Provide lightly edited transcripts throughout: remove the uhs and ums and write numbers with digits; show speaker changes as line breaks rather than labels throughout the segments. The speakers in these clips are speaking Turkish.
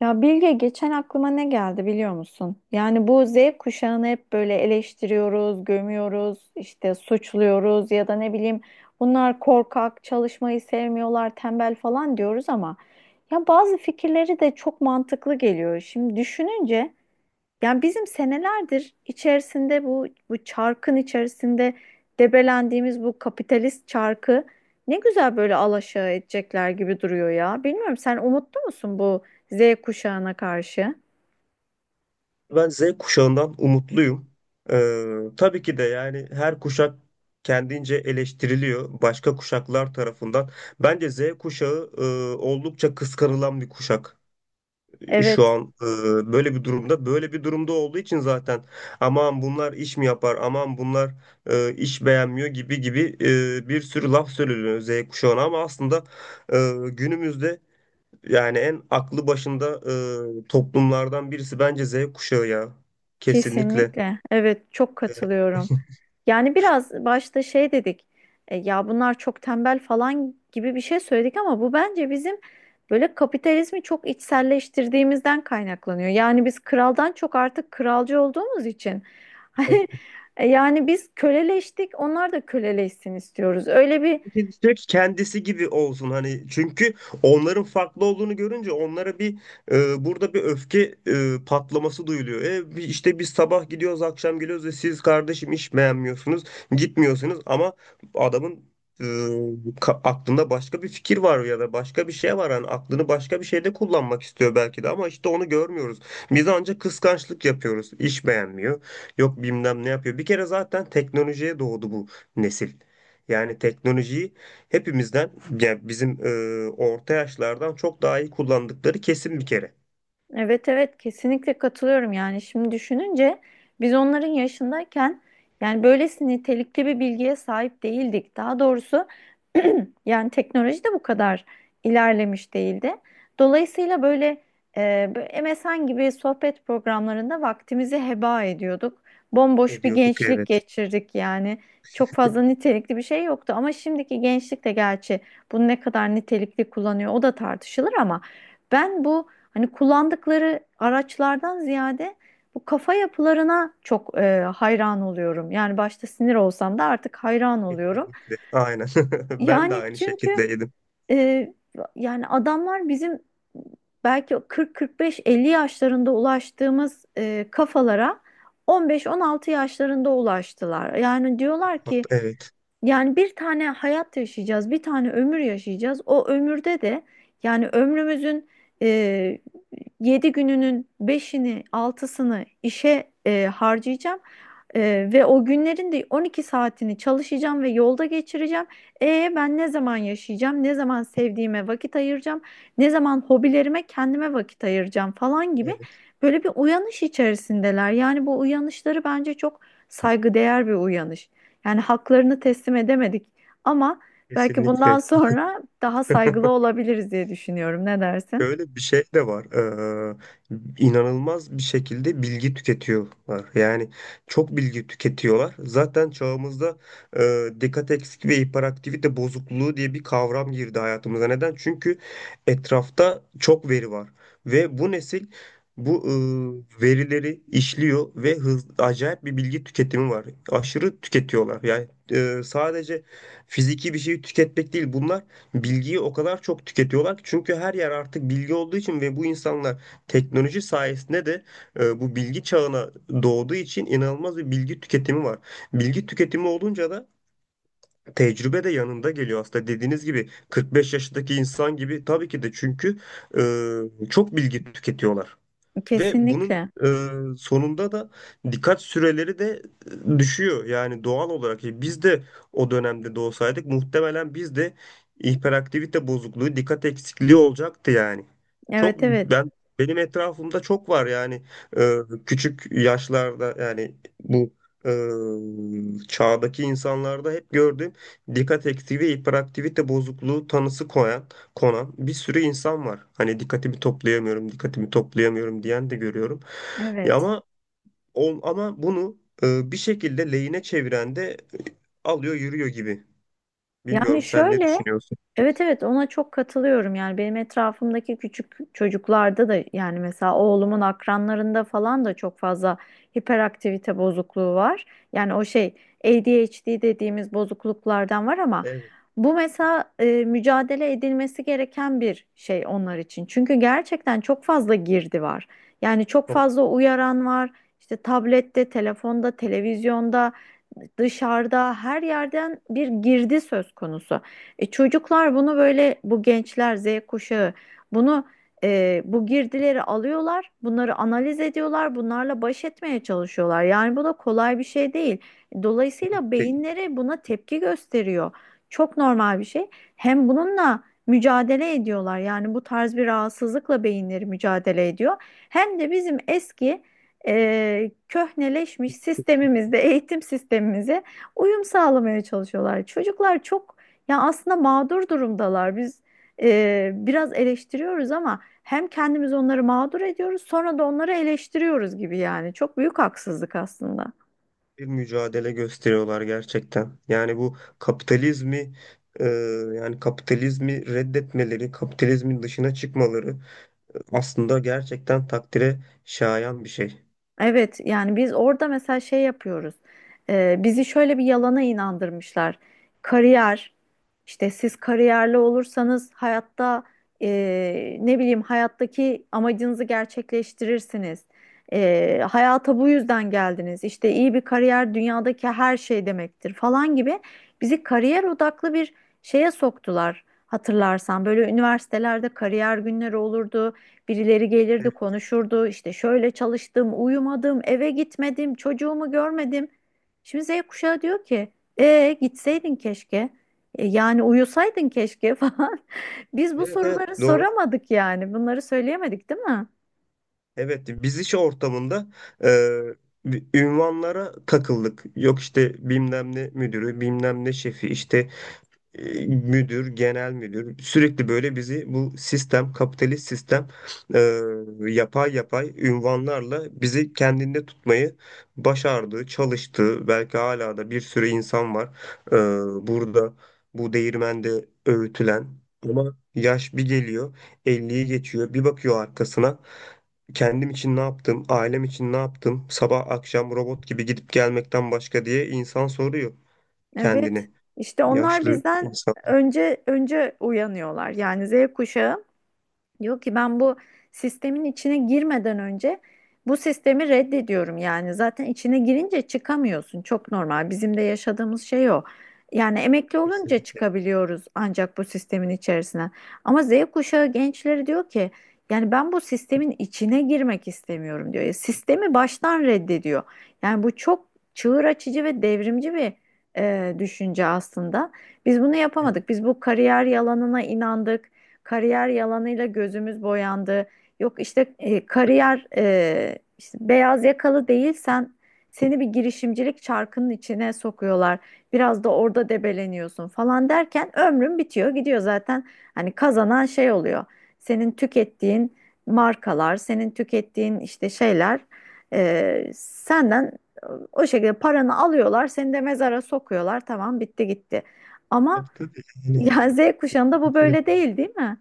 Ya Bilge geçen aklıma ne geldi biliyor musun? Yani bu Z kuşağını hep böyle eleştiriyoruz, gömüyoruz, işte suçluyoruz ya da ne bileyim, bunlar korkak, çalışmayı sevmiyorlar, tembel falan diyoruz ama ya bazı fikirleri de çok mantıklı geliyor. Şimdi düşününce yani bizim senelerdir içerisinde bu çarkın içerisinde debelendiğimiz bu kapitalist çarkı ne güzel böyle alaşağı edecekler gibi duruyor ya. Bilmiyorum, sen umutlu musun bu Z kuşağına karşı?
Ben Z kuşağından umutluyum. Tabii ki de yani her kuşak kendince eleştiriliyor başka kuşaklar tarafından. Bence Z kuşağı oldukça kıskanılan bir kuşak. Şu
Evet.
an böyle bir durumda. Böyle bir durumda olduğu için zaten aman bunlar iş mi yapar, aman bunlar iş beğenmiyor gibi gibi bir sürü laf söyleniyor Z kuşağına ama aslında günümüzde yani en aklı başında toplumlardan birisi bence Z kuşağı ya. Kesinlikle.
Kesinlikle. Evet, çok katılıyorum. Yani biraz başta şey dedik. Ya bunlar çok tembel falan gibi bir şey söyledik ama bu bence bizim böyle kapitalizmi çok içselleştirdiğimizden kaynaklanıyor. Yani biz kraldan çok artık kralcı olduğumuz için hani yani biz köleleştik, onlar da köleleşsin istiyoruz. Öyle bir
Türk kendisi gibi olsun hani çünkü onların farklı olduğunu görünce onlara bir burada bir öfke patlaması duyuluyor. İşte biz sabah gidiyoruz akşam geliyoruz ve siz kardeşim iş beğenmiyorsunuz gitmiyorsunuz ama adamın e, aklında başka bir fikir var ya da başka bir şey var hani aklını başka bir şeyde kullanmak istiyor belki de ama işte onu görmüyoruz. Biz ancak kıskançlık yapıyoruz. İş beğenmiyor. Yok bilmem ne yapıyor. Bir kere zaten teknolojiye doğdu bu nesil. Yani teknolojiyi hepimizden, yani bizim orta yaşlardan çok daha iyi kullandıkları kesin bir kere.
evet evet, kesinlikle katılıyorum. Yani şimdi düşününce biz onların yaşındayken yani böylesi nitelikli bir bilgiye sahip değildik. Daha doğrusu yani teknoloji de bu kadar ilerlemiş değildi. Dolayısıyla böyle böyle MSN gibi sohbet programlarında vaktimizi heba ediyorduk. Bomboş bir
Ediyorduk,
gençlik
evet.
geçirdik yani. Çok fazla nitelikli bir şey yoktu ama şimdiki gençlik de gerçi bunu ne kadar nitelikli kullanıyor, o da tartışılır ama ben bu, hani, kullandıkları araçlardan ziyade bu kafa yapılarına çok hayran oluyorum. Yani başta sinir olsam da artık hayran oluyorum.
Kesinlikle. Aynen. Ben de
Yani
aynı
çünkü
şekildeydim.
e, yani adamlar bizim belki 40-45-50 yaşlarında ulaştığımız kafalara 15-16 yaşlarında ulaştılar. Yani diyorlar ki,
Evet.
yani bir tane hayat yaşayacağız, bir tane ömür yaşayacağız. O ömürde de yani ömrümüzün e, 7 gününün beşini, altısını işe harcayacağım. Ve o günlerin de 12 saatini çalışacağım ve yolda geçireceğim. E ben ne zaman yaşayacağım? Ne zaman sevdiğime vakit ayıracağım? Ne zaman hobilerime, kendime vakit ayıracağım falan gibi
Evet.
böyle bir uyanış içerisindeler. Yani bu uyanışları bence çok saygıdeğer bir uyanış. Yani haklarını teslim edemedik ama belki bundan
Kesinlikle.
sonra daha saygılı olabiliriz diye düşünüyorum. Ne dersin?
Şöyle bir şey de var. İnanılmaz bir şekilde bilgi tüketiyorlar. Yani çok bilgi tüketiyorlar. Zaten çağımızda dikkat eksikliği ve hiperaktivite bozukluğu diye bir kavram girdi hayatımıza. Neden? Çünkü etrafta çok veri var. Ve bu nesil bu verileri işliyor ve hız, acayip bir bilgi tüketimi var. Aşırı tüketiyorlar. Yani sadece fiziki bir şeyi tüketmek değil bunlar. Bilgiyi o kadar çok tüketiyorlar ki çünkü her yer artık bilgi olduğu için ve bu insanlar teknoloji sayesinde de bu bilgi çağına doğduğu için inanılmaz bir bilgi tüketimi var. Bilgi tüketimi olunca da tecrübe de yanında geliyor aslında dediğiniz gibi 45 yaşındaki insan gibi tabii ki de çünkü çok bilgi tüketiyorlar. Ve bunun
Kesinlikle.
sonunda da dikkat süreleri de düşüyor. Yani doğal olarak biz de o dönemde doğsaydık muhtemelen biz de hiperaktivite bozukluğu, dikkat eksikliği olacaktı yani. Çok
Evet evet.
ben benim etrafımda çok var yani. E, Küçük yaşlarda yani bu çağdaki insanlarda hep gördüğüm dikkat eksikliği ve hiperaktivite bozukluğu tanısı konan bir sürü insan var. Hani dikkatimi toplayamıyorum, dikkatimi toplayamıyorum diyen de görüyorum. Ya
Evet.
ama ama bunu bir şekilde lehine çeviren de alıyor yürüyor gibi.
Yani
Bilmiyorum, sen ne
şöyle,
düşünüyorsun?
evet evet, ona çok katılıyorum. Yani benim etrafımdaki küçük çocuklarda da, yani mesela oğlumun akranlarında falan da çok fazla hiperaktivite bozukluğu var. Yani o şey, ADHD dediğimiz bozukluklardan var ama
Evet,
bu mesela mücadele edilmesi gereken bir şey onlar için. Çünkü gerçekten çok fazla girdi var. Yani çok
çok
fazla uyaran var. İşte tablette, telefonda, televizyonda, dışarıda her yerden bir girdi söz konusu. E, çocuklar bunu böyle, bu gençler, Z kuşağı, bunu bu girdileri alıyorlar, bunları analiz ediyorlar, bunlarla baş etmeye çalışıyorlar. Yani bu da kolay bir şey değil. Dolayısıyla
tehlikeli
beyinleri buna tepki gösteriyor. Çok normal bir şey. Hem bununla mücadele ediyorlar. Yani bu tarz bir rahatsızlıkla beyinleri mücadele ediyor. Hem de bizim eski köhneleşmiş sistemimizde, eğitim sistemimize uyum sağlamaya çalışıyorlar. Çocuklar çok, ya aslında mağdur durumdalar. Biz biraz eleştiriyoruz ama hem kendimiz onları mağdur ediyoruz, sonra da onları eleştiriyoruz gibi yani. Çok büyük haksızlık aslında.
bir mücadele gösteriyorlar gerçekten. Yani bu kapitalizmi e, yani kapitalizmi reddetmeleri, kapitalizmin dışına çıkmaları aslında gerçekten takdire şayan bir şey.
Evet yani biz orada mesela şey yapıyoruz. Bizi şöyle bir yalana inandırmışlar. Kariyer, işte siz kariyerli olursanız hayatta ne bileyim hayattaki amacınızı gerçekleştirirsiniz. Hayata bu yüzden geldiniz. İşte iyi bir kariyer dünyadaki her şey demektir falan gibi bizi kariyer odaklı bir şeye soktular. Hatırlarsan böyle üniversitelerde kariyer günleri olurdu. Birileri gelirdi, konuşurdu. İşte şöyle çalıştım, uyumadım, eve gitmedim, çocuğumu görmedim. Şimdi Z kuşağı diyor ki, e gitseydin keşke. E, yani uyusaydın keşke falan. Biz bu
Evet evet
soruları
doğru.
soramadık yani. Bunları söyleyemedik, değil mi?
Evet, biz iş ortamında e, bir ünvanlara takıldık. Yok işte bilmem ne müdürü, bilmem ne şefi, işte müdür, genel müdür sürekli böyle bizi bu sistem, kapitalist sistem e, yapay yapay ünvanlarla bizi kendinde tutmayı başardı, çalıştı. Belki hala da bir sürü insan var burada bu değirmende öğütülen ama yaş bir geliyor, 50'yi geçiyor, bir bakıyor arkasına kendim için ne yaptım, ailem için ne yaptım, sabah akşam robot gibi gidip gelmekten başka diye insan soruyor
Evet.
kendini,
İşte onlar
yaşlı
bizden
insan.
önce uyanıyorlar. Yani Z kuşağı diyor ki ben bu sistemin içine girmeden önce bu sistemi reddediyorum yani. Zaten içine girince çıkamıyorsun. Çok normal. Bizim de yaşadığımız şey o. Yani emekli olunca
Kesinlikle.
çıkabiliyoruz ancak bu sistemin içerisine. Ama Z kuşağı gençleri diyor ki yani ben bu sistemin içine girmek istemiyorum diyor. Ya sistemi baştan reddediyor. Yani bu çok çığır açıcı ve devrimci bir düşünce aslında. Biz bunu
Yani
yapamadık. Biz bu kariyer yalanına inandık, kariyer yalanıyla gözümüz boyandı. Yok işte kariyer işte beyaz yakalı değilsen seni bir girişimcilik çarkının içine sokuyorlar. Biraz da orada debeleniyorsun falan derken ömrün bitiyor gidiyor zaten. Hani kazanan şey oluyor. Senin tükettiğin markalar, senin tükettiğin işte şeyler senden o şekilde paranı alıyorlar, seni de mezara sokuyorlar. Tamam, bitti gitti. Ama
yaptı dedi. Yani
yani Z kuşağında bu
kesinlikle.
böyle değil, değil mi?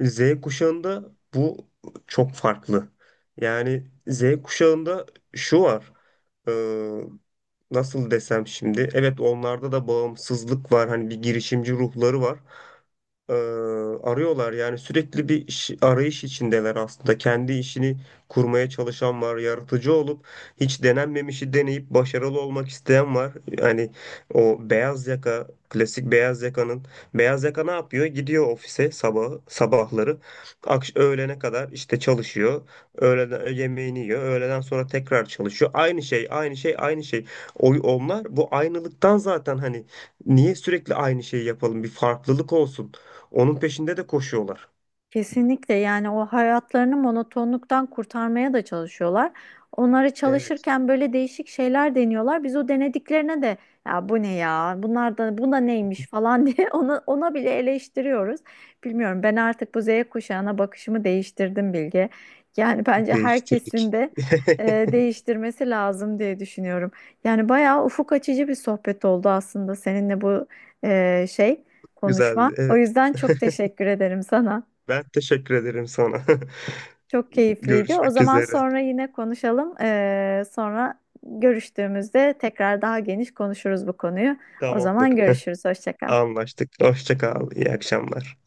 Z kuşağında bu çok farklı. Yani Z kuşağında şu var. Ee, nasıl desem şimdi? Evet, onlarda da bağımsızlık var. Hani bir girişimci ruhları var. Ee, arıyorlar yani sürekli bir arayış içindeler aslında. Kendi işini kurmaya çalışan var. Yaratıcı olup hiç denenmemişi deneyip başarılı olmak isteyen var. Yani o beyaz yaka, klasik beyaz yakanın beyaz yaka ne yapıyor? Gidiyor ofise sabah sabahları öğlene kadar işte çalışıyor. Öğleden yemeğini yiyor. Öğleden sonra tekrar çalışıyor. Aynı şey, aynı şey, aynı şey. Onlar bu aynılıktan zaten hani niye sürekli aynı şeyi yapalım? Bir farklılık olsun. Onun peşinde de koşuyorlar.
Kesinlikle. Yani o hayatlarını monotonluktan kurtarmaya da çalışıyorlar. Onları
Evet,
çalışırken böyle değişik şeyler deniyorlar. Biz o denediklerine de ya bu ne ya, bunlar da bu da neymiş falan diye ona, ona bile eleştiriyoruz. Bilmiyorum, ben artık bu Z kuşağına bakışımı değiştirdim Bilge. Yani bence
değiştirdik.
herkesin de değiştirmesi lazım diye düşünüyorum. Yani bayağı ufuk açıcı bir sohbet oldu aslında seninle bu e, şey konuşma.
Güzeldi.
O
Evet.
yüzden çok teşekkür ederim sana.
Ben teşekkür ederim sana.
Çok keyifliydi. O
Görüşmek
zaman
üzere.
sonra yine konuşalım. Sonra görüştüğümüzde tekrar daha geniş konuşuruz bu konuyu. O
Tamamdır.
zaman görüşürüz. Hoşça kal.
Anlaştık. Hoşça kal. İyi akşamlar.